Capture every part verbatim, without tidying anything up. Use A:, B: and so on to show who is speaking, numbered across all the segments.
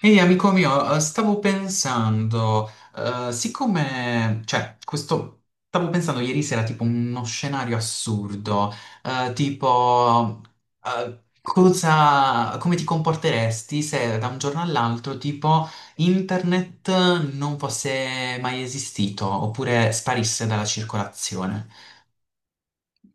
A: Ehi amico mio, eh, stavo pensando, eh, siccome, cioè, questo, stavo pensando ieri sera tipo uno scenario assurdo, eh, tipo, eh, cosa, come ti comporteresti se da un giorno all'altro tipo internet non fosse mai esistito oppure sparisse dalla circolazione?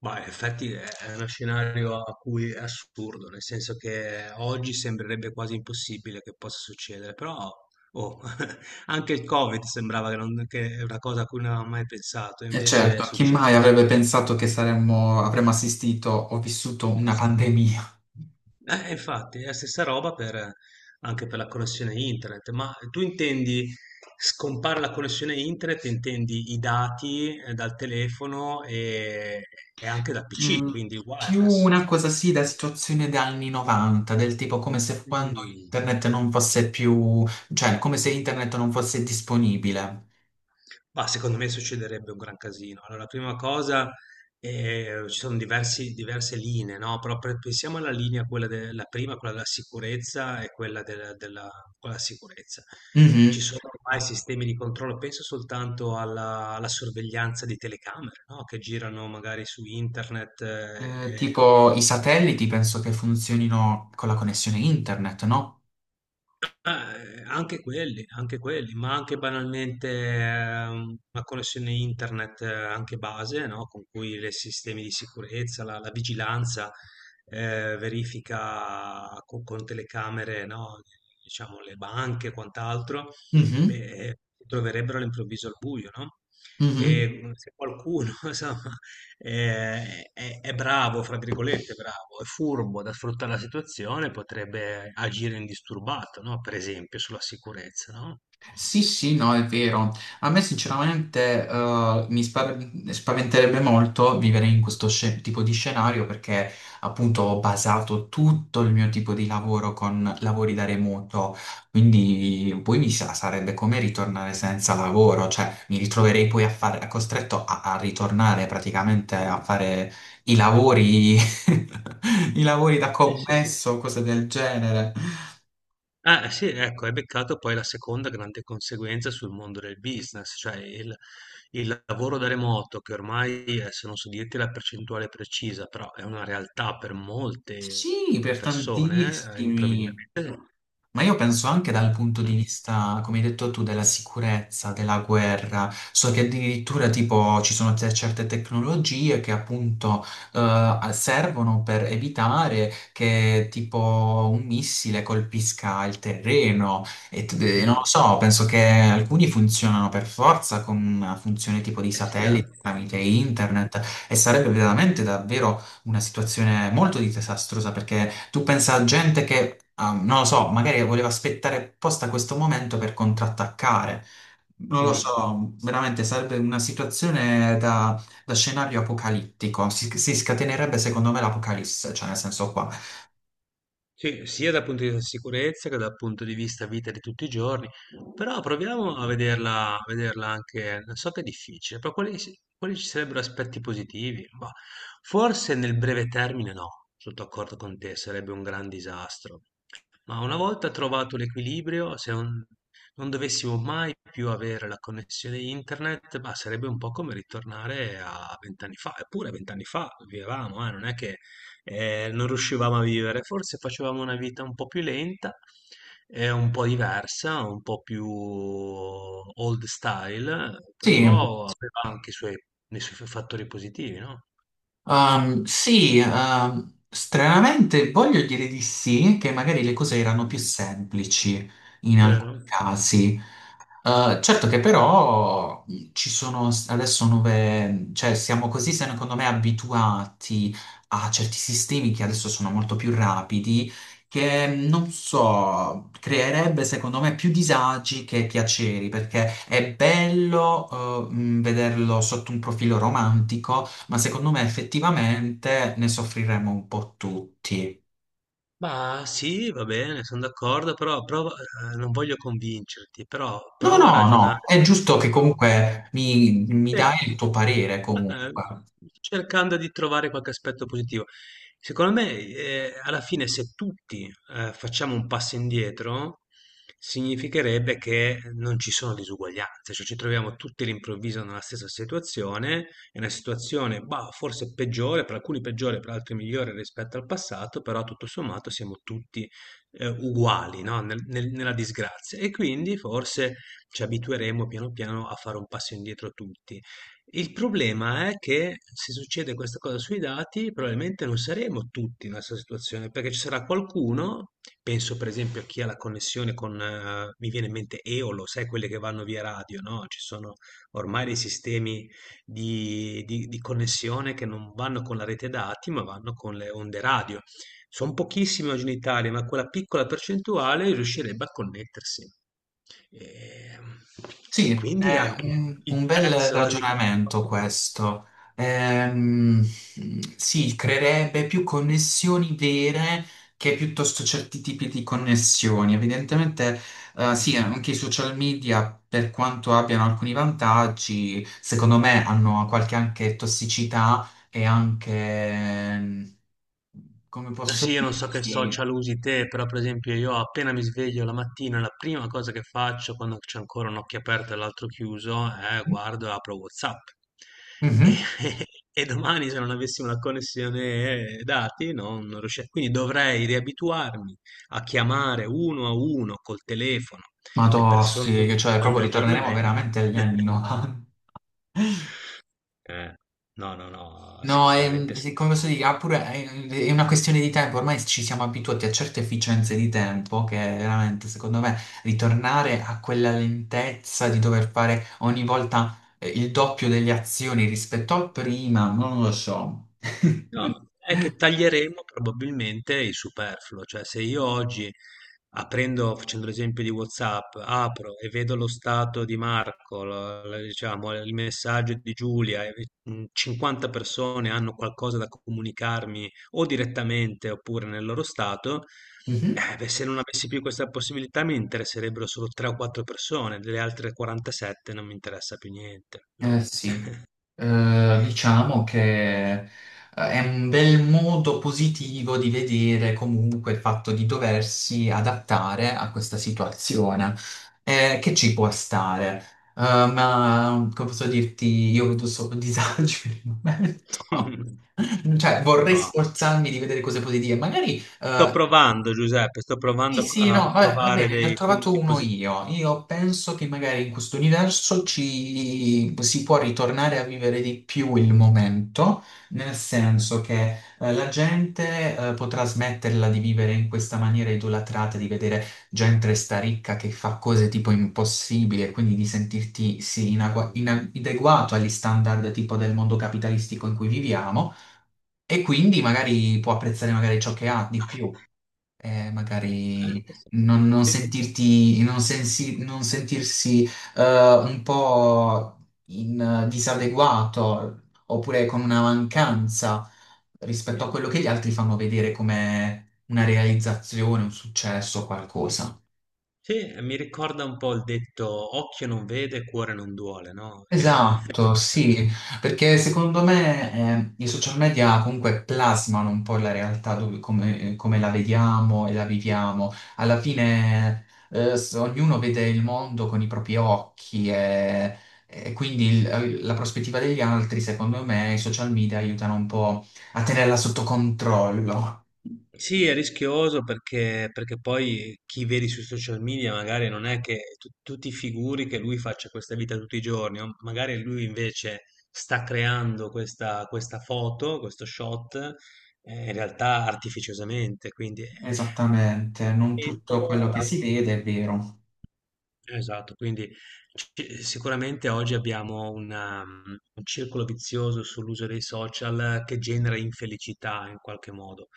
B: Ma in effetti è è uno scenario a cui è assurdo, nel senso che oggi sembrerebbe quasi impossibile che possa succedere, però oh, anche il Covid sembrava che, non- che è una cosa a cui non avevamo mai pensato,
A: E
B: invece è
A: certo, chi mai
B: successo.
A: avrebbe pensato che
B: Mm.
A: saremmo, avremmo assistito o vissuto una pandemia?
B: Eh, infatti è la stessa roba per- anche per la connessione internet, ma tu intendi, scompare la connessione internet? Intendi i dati, eh, dal telefono e, e anche dal P C,
A: Mm,
B: quindi
A: più
B: wireless.
A: una cosa sì da situazione degli anni novanta, del tipo come se quando
B: Mm.
A: internet non fosse più, cioè come se internet non fosse disponibile.
B: Mah, secondo me succederebbe un gran casino. Allora, la prima cosa, ehm, ci sono diversi diverse linee, no, però pre pensiamo alla linea, quella de la prima, quella della sicurezza e quella del della quella della sicurezza. Ci
A: Mhm.
B: sono ormai sistemi di controllo, penso soltanto alla alla sorveglianza di telecamere, no, che girano magari su internet.
A: Eh,
B: ehm
A: tipo i satelliti penso che funzionino con la connessione internet, no?
B: Ma, eh, anche quelli, anche quelli, ma anche banalmente eh, una connessione internet eh, anche base, no? Con cui i sistemi di sicurezza, la, la vigilanza eh, verifica co- con, telecamere, no? Diciamo le banche e quant'altro,
A: Mhm,
B: beh, si troverebbero all'improvviso al buio, no?
A: mhm.
B: E se qualcuno, insomma, eh, è, è bravo, fra virgolette, bravo, è furbo da sfruttare la situazione, potrebbe agire indisturbato, no? Per esempio sulla sicurezza, no?
A: Sì, sì, no, è vero. A me sinceramente eh, mi spa- spaventerebbe molto vivere in questo sce- tipo di scenario perché appunto ho basato tutto il mio tipo di lavoro con lavori da remoto, quindi poi mi sa- sarebbe come ritornare senza lavoro, cioè mi ritroverei poi a fare, costretto a, a ritornare praticamente a fare i lavori, i lavori da
B: Eh sì.
A: commesso, cose del genere.
B: Ah, eh, sì, ecco, hai beccato poi la seconda grande conseguenza sul mondo del business, cioè il, il lavoro da remoto, che ormai, eh, se non so dirti la percentuale precisa, però è una realtà per molte
A: Sì, per
B: persone, eh,
A: tantissimi.
B: improvvisamente.
A: Ma io penso anche dal punto di
B: Mm,
A: vista, come hai detto tu, della sicurezza, della guerra. So che addirittura tipo ci sono te- certe tecnologie che appunto eh, servono per evitare che tipo un missile colpisca il terreno. E, t- e non lo
B: mm.
A: so, penso che alcuni funzionano per forza con una funzione tipo di
B: Eh sì, eh?
A: satellite tramite internet e sarebbe veramente davvero una situazione molto disastrosa perché tu pensa a gente che, ah, non lo so, magari voleva aspettare apposta questo momento per contrattaccare. Non lo
B: Mm.
A: so, veramente sarebbe una situazione da, da scenario apocalittico. Si, si scatenerebbe secondo me l'apocalisse, cioè nel senso qua.
B: Sì, sia dal punto di vista sicurezza che dal punto di vista vita di tutti i giorni, però proviamo a vederla, a vederla anche, so che è difficile, però quali, si- quali ci sarebbero aspetti positivi? Bah, forse nel breve termine no, sono d'accordo con te, sarebbe un gran disastro, ma una volta trovato l'equilibrio, se non, non dovessimo mai più avere la connessione internet, bah, sarebbe un po' come ritornare a vent'anni fa, eppure vent'anni fa vivevamo, eh, non è che eh, non riuscivamo a vivere. Forse facevamo una vita un po' più lenta, eh, un po' diversa, un po' più old style,
A: Sì.
B: però aveva anche i suoi, i suoi fattori positivi, no?
A: Ehm, sì, ehm, stranamente voglio dire di sì, che magari le cose erano più
B: Mm.
A: semplici in alcuni
B: Vero?
A: casi. Eh, certo che però mh, ci sono s- adesso nuove, cioè siamo così secondo me abituati a certi sistemi che adesso sono molto più rapidi, che mh, non so, creerebbe secondo me più disagi che piaceri, perché è bello eh, mh, vederlo sotto un profilo romantico ma secondo me effettivamente ne soffriremo un po' tutti.
B: Ma sì, va bene, sono d'accordo, però prova- eh, non voglio convincerti, però
A: No,
B: prova a
A: no, no,
B: ragionare.
A: è giusto che comunque mi, mi
B: Eh,
A: dai il tuo parere
B: eh,
A: comunque.
B: Cercando di trovare qualche aspetto positivo. Secondo me, eh, alla fine, se tutti, eh, facciamo un passo indietro, significherebbe che non ci sono disuguaglianze, cioè ci troviamo tutti all'improvviso nella stessa situazione, è una situazione, bah, forse peggiore, per alcuni peggiore, per altri migliore rispetto al passato, però tutto sommato siamo tutti, eh, uguali, no, Nel- nel- nella disgrazia. E quindi forse ci abitueremo piano piano a fare un passo indietro tutti. Il problema è che se succede questa cosa sui dati, probabilmente non saremo tutti nella stessa situazione, perché ci sarà qualcuno, penso per esempio a chi ha la connessione con, eh, mi viene in mente Eolo, sai quelle che vanno via radio, no? Ci sono ormai dei sistemi di, di- di connessione che non vanno con la rete dati, ma vanno con le onde radio. Son pochissimi oggi in Italia, ma quella piccola percentuale riuscirebbe a connettersi. Ehm, e
A: Sì,
B: quindi
A: è
B: anche
A: un,
B: il
A: un bel
B: prezzo.
A: ragionamento questo. Ehm, sì, creerebbe più connessioni vere che piuttosto certi tipi di connessioni. Evidentemente, eh, sì,
B: mh.
A: anche i social media, per quanto abbiano alcuni vantaggi, secondo me hanno qualche anche tossicità e anche, ehm, come
B: Eh sì,
A: posso
B: io non so che
A: dire.
B: social usi te, però per esempio io appena mi sveglio la mattina, la prima cosa che faccio quando c'è ancora un occhio aperto e l'altro chiuso è guardo e apro WhatsApp. E,
A: Mhm.
B: e domani se non avessi una connessione eh, dati non, non riuscirei. Quindi dovrei riabituarmi a chiamare uno a uno col telefono
A: Ma
B: le persone
A: tossi,
B: che
A: cioè proprio
B: voglio
A: ritorneremo
B: aggiornamenti.
A: veramente agli anni novanta.
B: Eh, no, no, no,
A: No, è,
B: sicuramente sì.
A: sì, come posso dire, ha pure- è è una questione di tempo, ormai ci siamo abituati a certe efficienze di tempo che veramente, secondo me, ritornare a quella lentezza di dover fare ogni volta eh, il doppio delle azioni rispetto al prima, non lo so.
B: No, è che taglieremo probabilmente il superfluo, cioè se io oggi aprendo, facendo l'esempio di WhatsApp, apro e vedo lo stato di Marco, lo- lo- diciamo, il messaggio di Giulia, e, mh, cinquanta persone hanno qualcosa da comunicarmi o direttamente oppure nel loro stato,
A: Mhm.
B: eh, beh, se non avessi più questa possibilità mi interesserebbero solo tre o quattro persone, delle altre quarantasette non mi interessa più niente,
A: Eh
B: no?
A: sì. Eh, diciamo che eh, è un bel modo positivo di vedere comunque il fatto di doversi adattare a questa situazione, eh, che ci può stare. Eh, ma come posso dirti, io vedo solo disagi per il momento. Cioè, vorrei
B: No.
A: sforzarmi di vedere cose positive, magari
B: Sto
A: eh,
B: provando, Giuseppe, sto
A: sì,
B: provando
A: sì,
B: a a
A: no, vabbè, va
B: trovare
A: bene, ne ho
B: dei
A: trovato
B: punti
A: uno
B: positivi.
A: io. Io penso che magari in questo universo ci si può ritornare a vivere di più il momento, nel senso che eh, la gente eh, potrà smetterla di vivere in questa maniera idolatrata, di vedere gente sta ricca che fa cose tipo impossibili e quindi di sentirti sì, inagua-
B: Mm.
A: inadeguato agli standard tipo del mondo capitalistico in cui viviamo e quindi magari può apprezzare magari ciò che ha di più eh, magari non, non
B: Sì,
A: sentirti, non, sensi- non sentirsi eh, un po' in, eh, disadeguato oppure con una mancanza rispetto a
B: sì,
A: quello che gli altri fanno vedere come una realizzazione, un successo, qualcosa.
B: sì, eh, mi ricorda un po' il detto occhio non vede, cuore non duole, no? Io-
A: Esatto, sì, perché secondo me eh, i social media comunque plasmano un po' la realtà dove- come, come la vediamo e la viviamo. Alla fine eh, s- ognuno vede il mondo con i propri occhi e, e quindi il- eh, la prospettiva degli altri, secondo me, i social media aiutano un po' a tenerla sotto controllo.
B: Sì, è rischioso perché, perché poi chi vedi sui social media magari non è che tu, tu ti figuri che lui faccia questa vita tutti i giorni, o magari lui invece sta creando questa, questa foto, questo shot, eh, in realtà artificiosamente, quindi eh,
A: Esattamente, non tutto
B: Mentola,
A: quello che
B: la-
A: si vede è vero.
B: Esatto, quindi ci- sicuramente oggi abbiamo una, un circolo vizioso sull'uso dei social che genera infelicità in qualche modo.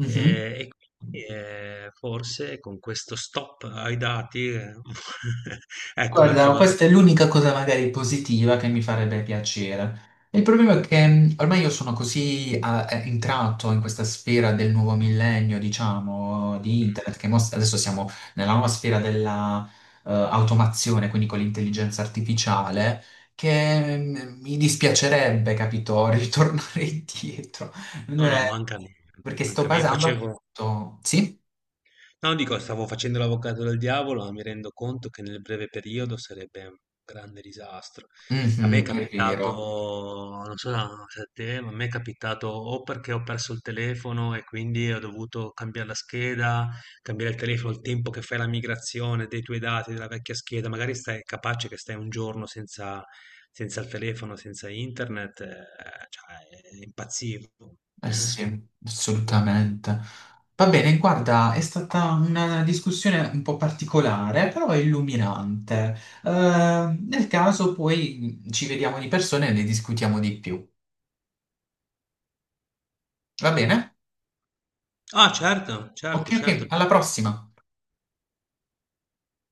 B: Eh, e quindi eh, forse con questo stop ai dati, eh, ecco, abbiamo
A: Guarda,
B: trovato.
A: questa è l'unica cosa magari positiva che mi farebbe piacere. Il problema è che mh, ormai io sono così ah, eh, entrato in questa sfera del nuovo millennio, diciamo, di
B: mm,
A: internet, che mos- adesso siamo nella nuova sfera della eh, automazione, quindi con l'intelligenza artificiale, che mh, mi dispiacerebbe, capito, ritornare indietro.
B: No, no,
A: Eh,
B: manca a me,
A: perché sto
B: manca a me. Io
A: basando
B: facevo.
A: appunto... Sì?
B: No, dico, stavo facendo l'avvocato del diavolo, ma mi rendo conto che nel breve periodo sarebbe un grande disastro. A me è
A: Mhm, è
B: capitato,
A: vero.
B: non so se a te, ma a me è capitato o perché ho perso il telefono e quindi ho dovuto cambiare la scheda, cambiare il telefono il tempo che fai la migrazione dei tuoi dati della vecchia scheda, magari stai capace che stai un giorno senza, senza il telefono, senza internet, eh, cioè, impazzivo.
A: Eh sì, assolutamente. Va bene, guarda, è stata una discussione un po' particolare, però illuminante. Eh, nel caso poi ci vediamo di persona e ne discutiamo di più. Va bene?
B: Ah, certo,
A: Ok,
B: certo,
A: ok,
B: certo.
A: alla prossima.